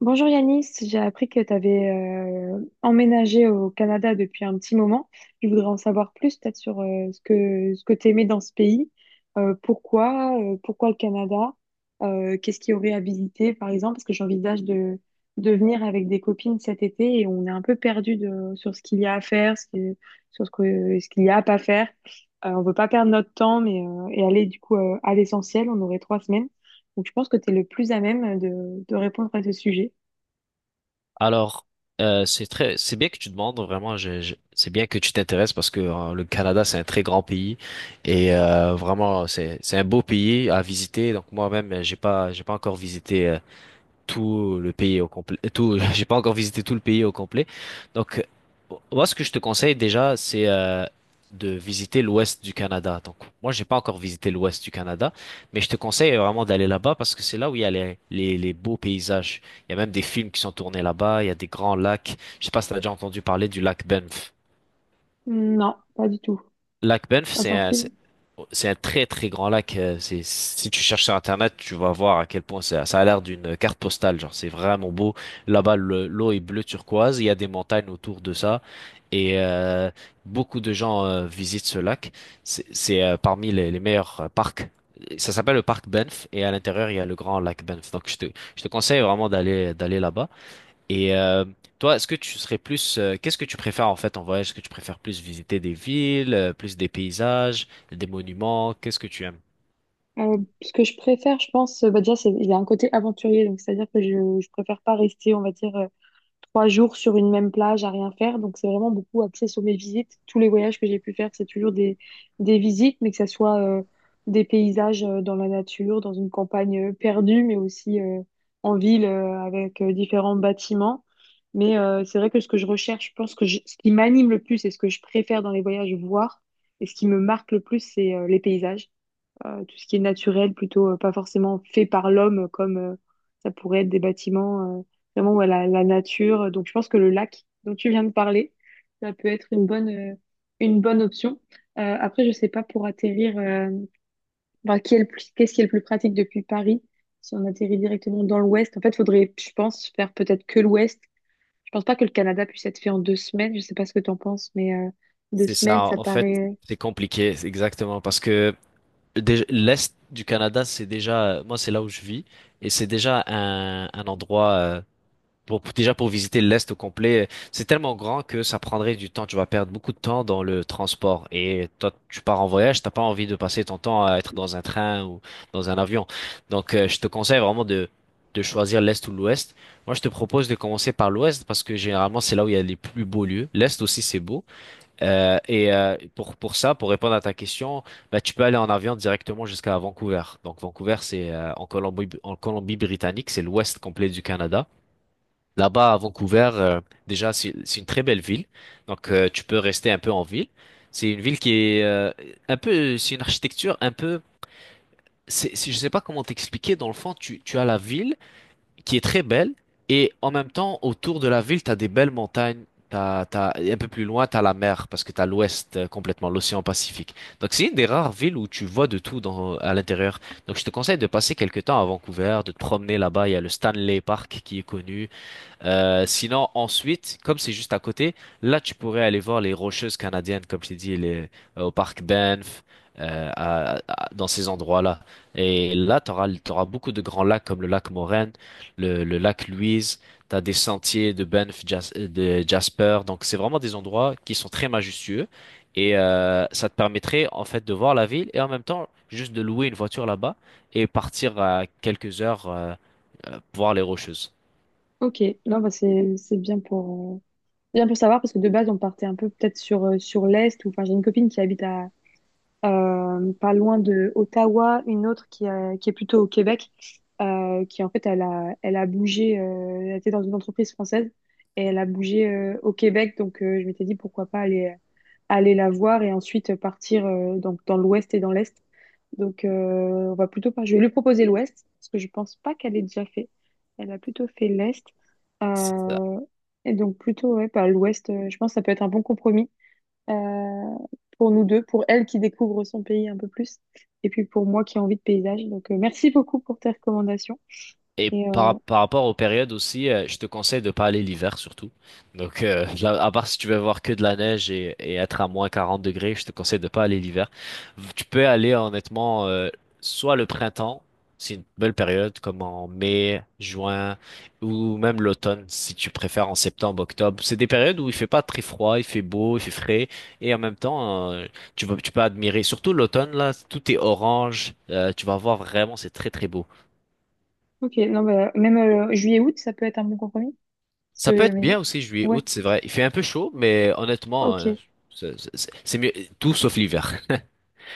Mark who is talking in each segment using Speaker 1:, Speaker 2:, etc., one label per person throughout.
Speaker 1: Bonjour Yanis, j'ai appris que tu avais emménagé au Canada depuis un petit moment. Je voudrais en savoir plus peut-être sur ce que tu aimais dans ce pays. Pourquoi le Canada? Qu'est-ce qui aurait habilité par exemple? Parce que j'envisage de venir avec des copines cet été et on est un peu perdu sur ce qu'il y a à faire, sur ce qu'il y a à pas faire. On veut pas perdre notre temps mais, et aller du coup à l'essentiel. On aurait trois semaines. Donc je pense que tu es le plus à même de répondre à ce sujet.
Speaker 2: Alors, c'est très, c'est bien que tu demandes vraiment. C'est bien que tu t'intéresses parce que le Canada c'est un très grand pays et vraiment c'est un beau pays à visiter. Donc moi-même j'ai pas encore visité tout le pays au complet. Tout, j'ai pas encore visité tout le pays au complet. Donc, moi, ce que je te conseille déjà, c'est de visiter l'ouest du Canada. Donc, moi, j'ai pas encore visité l'ouest du Canada, mais je te conseille vraiment d'aller là-bas parce que c'est là où il y a les beaux paysages. Il y a même des films qui sont tournés là-bas. Il y a des grands lacs. Je sais pas si t'as déjà entendu parler du lac Banff.
Speaker 1: Non, pas du tout.
Speaker 2: Lac Banff,
Speaker 1: Dans
Speaker 2: c'est
Speaker 1: un
Speaker 2: un,
Speaker 1: film.
Speaker 2: c'est un très très grand lac. C'est, si tu cherches sur Internet, tu vas voir à quel point ça, ça a l'air d'une carte postale. Genre, c'est vraiment beau. Là-bas, l'eau est bleu turquoise. Il y a des montagnes autour de ça. Et beaucoup de gens visitent ce lac. C'est parmi les meilleurs parcs. Ça s'appelle le parc Banff. Et à l'intérieur, il y a le grand lac Banff. Donc, je te conseille vraiment d'aller là-bas. Et toi, est-ce que tu serais plus, qu'est-ce que tu préfères en fait en voyage? Est-ce que tu préfères plus visiter des villes, plus des paysages, des monuments? Qu'est-ce que tu aimes?
Speaker 1: Ce que je préfère, je pense, bah déjà, c'est, il y a un côté aventurier, donc c'est-à-dire que je préfère pas rester, on va dire, trois jours sur une même plage à rien faire. Donc, c'est vraiment beaucoup axé sur mes visites. Tous les voyages que j'ai pu faire, c'est toujours des visites, mais que ça soit des paysages dans la nature, dans une campagne perdue, mais aussi en ville avec différents bâtiments. Mais c'est vrai que ce que je recherche, je pense que ce qui m'anime le plus et ce que je préfère dans les voyages voir et ce qui me marque le plus, c'est les paysages, tout ce qui est naturel, plutôt pas forcément fait par l'homme, comme ça pourrait être des bâtiments, vraiment ouais, la nature. Donc je pense que le lac dont tu viens de parler, ça peut être une une bonne option. Après, je sais pas pour atterrir, enfin, qui est le plus, qu'est-ce qui est le plus pratique depuis Paris, si on atterrit directement dans l'ouest. En fait, faudrait, je pense, faire peut-être que l'ouest. Je pense pas que le Canada puisse être fait en deux semaines. Je sais pas ce que tu en penses, mais deux
Speaker 2: C'est
Speaker 1: semaines,
Speaker 2: ça,
Speaker 1: ça
Speaker 2: en fait,
Speaker 1: paraît.
Speaker 2: c'est compliqué, c'est exactement, parce que l'Est du Canada, c'est déjà, moi, c'est là où je vis, et c'est déjà un endroit pour, déjà pour visiter l'Est au complet, c'est tellement grand que ça prendrait du temps. Tu vas perdre beaucoup de temps dans le transport. Et toi, tu pars en voyage, t'as pas envie de passer ton temps à être dans un train ou dans un avion. Donc, je te conseille vraiment de choisir l'Est ou l'Ouest. Moi, je te propose de commencer par l'Ouest parce que généralement, c'est là où il y a les plus beaux lieux. L'Est aussi, c'est beau. Et pour ça, pour répondre à ta question, bah, tu peux aller en avion directement jusqu'à Vancouver. Donc, Vancouver, c'est en Colombie, en Colombie-Britannique, c'est l'Ouest complet du Canada. Là-bas, à Vancouver, déjà, c'est une très belle ville. Donc, tu peux rester un peu en ville. C'est une ville qui est un peu, c'est une architecture un peu, c'est, je sais pas comment t'expliquer. Dans le fond, tu as la ville qui est très belle et en même temps, autour de la ville, tu as des belles montagnes. Et un peu plus loin, tu as la mer parce que tu as l'ouest complètement, l'océan Pacifique. Donc, c'est une des rares villes où tu vois de tout dans, à l'intérieur. Donc, je te conseille de passer quelques temps à Vancouver, de te promener là-bas. Il y a le Stanley Park qui est connu. Sinon, ensuite, comme c'est juste à côté, là, tu pourrais aller voir les Rocheuses canadiennes, comme je t'ai dit, les, au parc Banff, dans ces endroits-là. Et là, tu auras beaucoup de grands lacs comme le lac Moraine, le lac Louise, tu as des sentiers de Banff, de Jasper. Donc, c'est vraiment des endroits qui sont très majestueux. Et ça te permettrait, en fait, de voir la ville et en même temps, juste de louer une voiture là-bas et partir à quelques heures voir les Rocheuses.
Speaker 1: Ok, non, bah c'est bien pour, bien pour savoir, parce que de base, on partait un peu peut-être sur, sur l'Est, ou enfin, j'ai une copine qui habite à, pas loin de Ottawa, une autre qui est plutôt au Québec, qui en fait, elle a bougé, elle était dans une entreprise française, et elle a bougé au Québec, donc je m'étais dit pourquoi pas aller la voir et ensuite partir donc, dans l'Ouest et dans l'Est. Donc, on va plutôt pas. Je vais lui proposer l'Ouest, parce que je pense pas qu'elle ait déjà fait. Elle a plutôt fait l'Est. Euh, et donc, plutôt, ouais, bah, l'Ouest, je pense que ça peut être un bon compromis euh, pour nous deux, pour elle qui découvre son pays un peu plus, et puis pour moi qui ai envie de paysage. Donc, merci beaucoup pour tes recommandations.
Speaker 2: Et
Speaker 1: Et,
Speaker 2: par, par rapport aux périodes aussi, je te conseille de pas aller l'hiver surtout. Donc, là, à part si tu veux voir que de la neige et être à moins 40 degrés, je te conseille de pas aller l'hiver. Tu peux aller honnêtement, soit le printemps, c'est une belle période, comme en mai, juin, ou même l'automne, si tu préfères en septembre, octobre. C'est des périodes où il fait pas très froid, il fait beau, il fait frais, et en même temps, tu vas, tu peux admirer, surtout l'automne, là, tout est orange, tu vas voir vraiment, c'est très très beau.
Speaker 1: ok, non, bah, même juillet-août, ça peut être un bon compromis. Parce
Speaker 2: Ça peut
Speaker 1: que,
Speaker 2: être
Speaker 1: mais-
Speaker 2: bien aussi juillet,
Speaker 1: ouais,
Speaker 2: août, c'est vrai. Il fait un peu chaud, mais honnêtement,
Speaker 1: ok.
Speaker 2: c'est c'est mieux tout sauf l'hiver.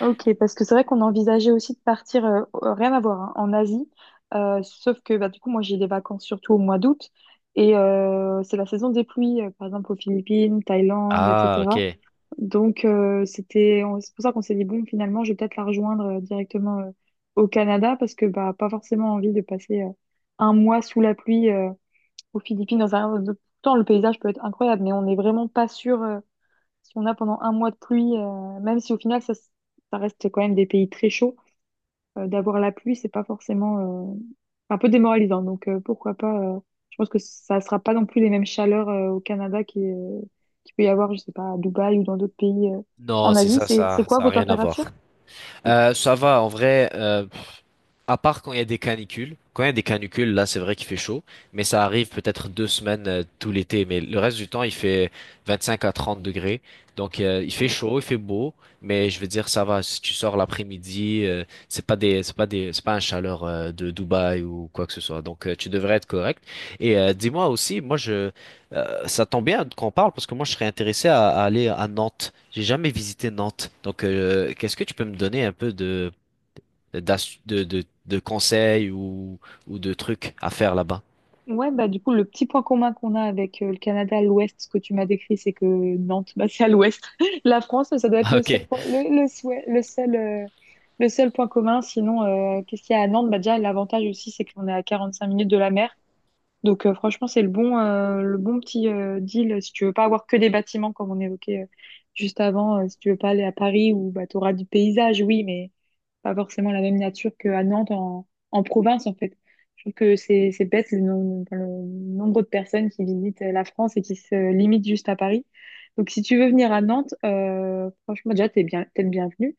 Speaker 1: Ok, parce que c'est vrai qu'on envisageait aussi de partir, rien à voir, hein, en Asie. Sauf que bah, du coup, moi j'ai des vacances surtout au mois d'août et c'est la saison des pluies, par exemple aux Philippines, Thaïlande,
Speaker 2: Ah,
Speaker 1: etc.
Speaker 2: ok.
Speaker 1: Donc c'était, c'est pour ça qu'on s'est dit, bon, finalement, je vais peut-être la rejoindre directement au Canada parce que bah, pas forcément envie de passer un mois sous la pluie aux Philippines. Pourtant, le paysage peut être incroyable, mais on n'est vraiment pas sûr si on a pendant un mois de pluie, même si au final ça reste quand même des pays très chauds, d'avoir la pluie, c'est pas forcément euh, un peu démoralisant. Donc pourquoi pas, je pense que ça sera pas non plus les mêmes chaleurs qu'il peut y avoir, je sais pas, à Dubaï ou dans d'autres pays
Speaker 2: Non,
Speaker 1: en
Speaker 2: c'est
Speaker 1: Asie.
Speaker 2: ça,
Speaker 1: C'est quoi
Speaker 2: ça a
Speaker 1: vos
Speaker 2: rien à
Speaker 1: températures?
Speaker 2: voir.
Speaker 1: C'est-
Speaker 2: Ça va, en vrai. À part quand il y a des canicules. Quand il y a des canicules, là, c'est vrai qu'il fait chaud, mais ça arrive peut-être deux semaines tout l'été. Mais le reste du temps, il fait 25 à 30 degrés. Donc, il fait chaud, il fait beau, mais je veux dire, ça va. Si tu sors l'après-midi, c'est pas un chaleur de Dubaï ou quoi que ce soit. Donc, tu devrais être correct. Et dis-moi aussi, moi, je, ça tombe bien qu'on parle parce que moi, je serais intéressé à aller à Nantes. J'ai jamais visité Nantes. Donc, qu'est-ce que tu peux me donner un peu de de conseils ou de trucs à faire là-bas.
Speaker 1: Ouais, bah du coup, le petit point commun qu'on a avec le Canada à l'ouest, ce que tu m'as décrit, c'est que Nantes, bah, c'est à l'ouest. La France, ça doit être
Speaker 2: ok,
Speaker 1: le seul point commun. Sinon, qu'est-ce qu'il y a à Nantes? Bah, déjà, l'avantage aussi, c'est qu'on est à 45 minutes de la mer. Donc franchement, c'est le bon petit deal si tu veux pas avoir que des bâtiments comme on évoquait juste avant, si tu veux pas aller à Paris où bah, tu auras du paysage, oui, mais pas forcément la même nature qu'à en province en fait. Je trouve que c'est bête enfin, le nombre de personnes qui visitent la France et qui se limitent juste à Paris. Donc si tu veux venir à Nantes, franchement déjà t'es bien, t'es le bienvenu.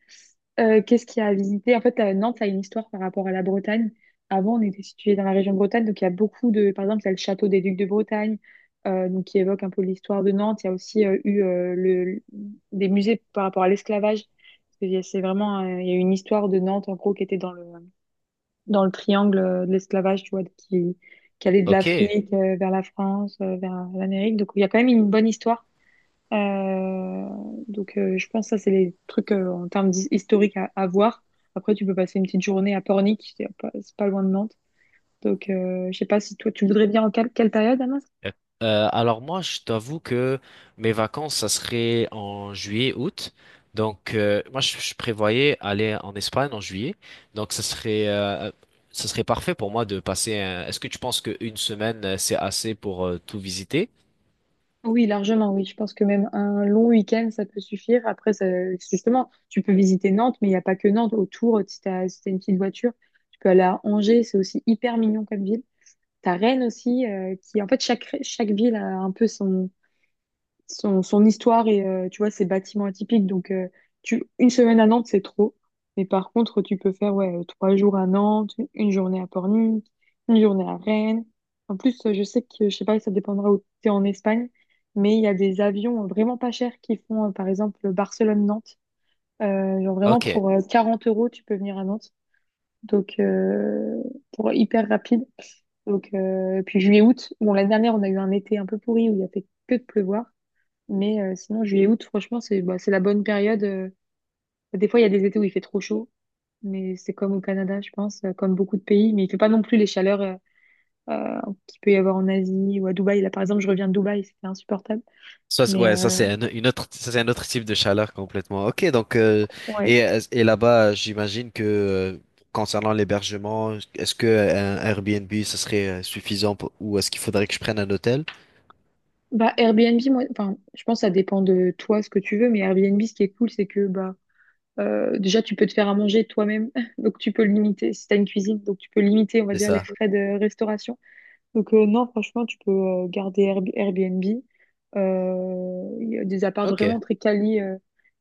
Speaker 1: Qu'est-ce qu'il y a à visiter? En fait, Nantes, ça a une histoire par rapport à la Bretagne. Avant, on était situé dans la région de Bretagne, donc il y a beaucoup de... Par exemple, il y a le château des Ducs de Bretagne, donc qui évoque un peu l'histoire de Nantes. Il y a aussi eu le... des musées par rapport à l'esclavage. Parce que il y a- C'est vraiment... il y a une histoire de Nantes, en gros, qui était dans dans le triangle de l'esclavage, tu vois, qui allait de
Speaker 2: ok.
Speaker 1: l'Afrique vers la France, vers l'Amérique. Donc, il y a quand même une bonne histoire. Euh, je pense que ça, c'est les trucs en termes historiques à voir. Après, tu peux passer une petite journée à Pornic, c'est pas loin de Nantes. Donc, je sais pas si toi, tu voudrais bien en quelle période, Anas?
Speaker 2: Euh, alors moi, je t'avoue que mes vacances, ça serait en juillet, août. Donc moi, je prévoyais aller en Espagne en juillet. Donc ça serait parfait pour moi de passer. Est-ce que tu penses qu'une semaine, c'est assez pour tout visiter?
Speaker 1: Oui, largement, oui. Je pense que même un long week-end, ça peut suffire. Justement, tu peux visiter Nantes, mais il n'y a pas que Nantes. Autour, si t'as une petite voiture, tu peux aller à Angers, c'est aussi hyper mignon comme ville. T'as Rennes aussi, qui, en fait, chaque ville a un peu son son histoire et tu vois, ses bâtiments atypiques. Donc, une semaine à Nantes, c'est trop. Mais par contre, tu peux faire ouais, trois jours à Nantes, une journée à Pornic, une journée à Rennes. En plus, je sais que, je sais pas, ça dépendra où tu es en Espagne, mais il y a des avions vraiment pas chers qui font, par exemple, Barcelone-Nantes. Genre vraiment
Speaker 2: Ok.
Speaker 1: pour 40 euros, tu peux venir à Nantes. Donc, pour hyper rapide. Donc, puis juillet-août, bon, l'année dernière, on a eu un été un peu pourri où il a fait que de pleuvoir. Mais sinon, juillet, août, franchement, c'est bah, c'est la bonne période. Des fois, il y a des étés où il fait trop chaud, mais c'est comme au Canada, je pense, comme beaucoup de pays. Mais il fait pas non plus les chaleurs euh, qu'il peut y avoir en Asie ou à Dubaï. Là, par exemple, je reviens de Dubaï, c'était insupportable.
Speaker 2: Ça,
Speaker 1: Mais
Speaker 2: ouais, ça c'est un, une autre, ça, c'est un autre type de chaleur complètement. Ok, donc
Speaker 1: ouais.
Speaker 2: et, et là-bas, j'imagine que concernant l'hébergement, est-ce que un Airbnb ce serait suffisant ou est-ce qu'il faudrait que je prenne un hôtel?
Speaker 1: Bah, Airbnb, moi, enfin, je pense que ça dépend de toi, ce que tu veux. Mais Airbnb, ce qui est cool, c'est que bah, déjà, tu peux te faire à manger toi-même. Donc, tu peux limiter, si tu as une cuisine, donc tu peux limiter, on va
Speaker 2: C'est
Speaker 1: dire, les
Speaker 2: ça.
Speaker 1: frais de restauration. Donc non, franchement, tu peux Airbnb. Il y a des apparts
Speaker 2: Ok,
Speaker 1: vraiment très quali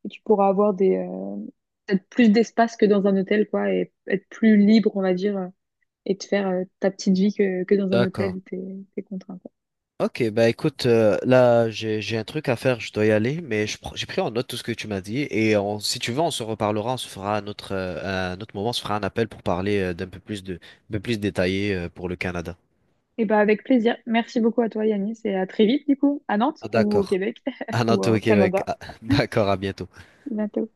Speaker 1: et tu pourras avoir des peut-être plus d'espace que dans un hôtel, quoi, et être plus libre, on va dire, et te faire ta petite vie que dans un hôtel
Speaker 2: d'accord.
Speaker 1: où t'es contraint, quoi.
Speaker 2: Ok, bah écoute, là j'ai un truc à faire, je dois y aller, mais j'ai pris en note tout ce que tu m'as dit et si tu veux, on se reparlera, on se fera un autre moment, on se fera un appel pour parler d'un peu plus de, un peu plus détaillé pour le Canada.
Speaker 1: Et bah avec plaisir. Merci beaucoup à toi, Yanis, et à très vite, du coup, à Nantes
Speaker 2: Ah,
Speaker 1: ou au
Speaker 2: d'accord.
Speaker 1: Québec
Speaker 2: À
Speaker 1: ou
Speaker 2: bientôt
Speaker 1: au
Speaker 2: au Québec.
Speaker 1: Canada.
Speaker 2: Ah, d'accord, à bientôt.
Speaker 1: À bientôt.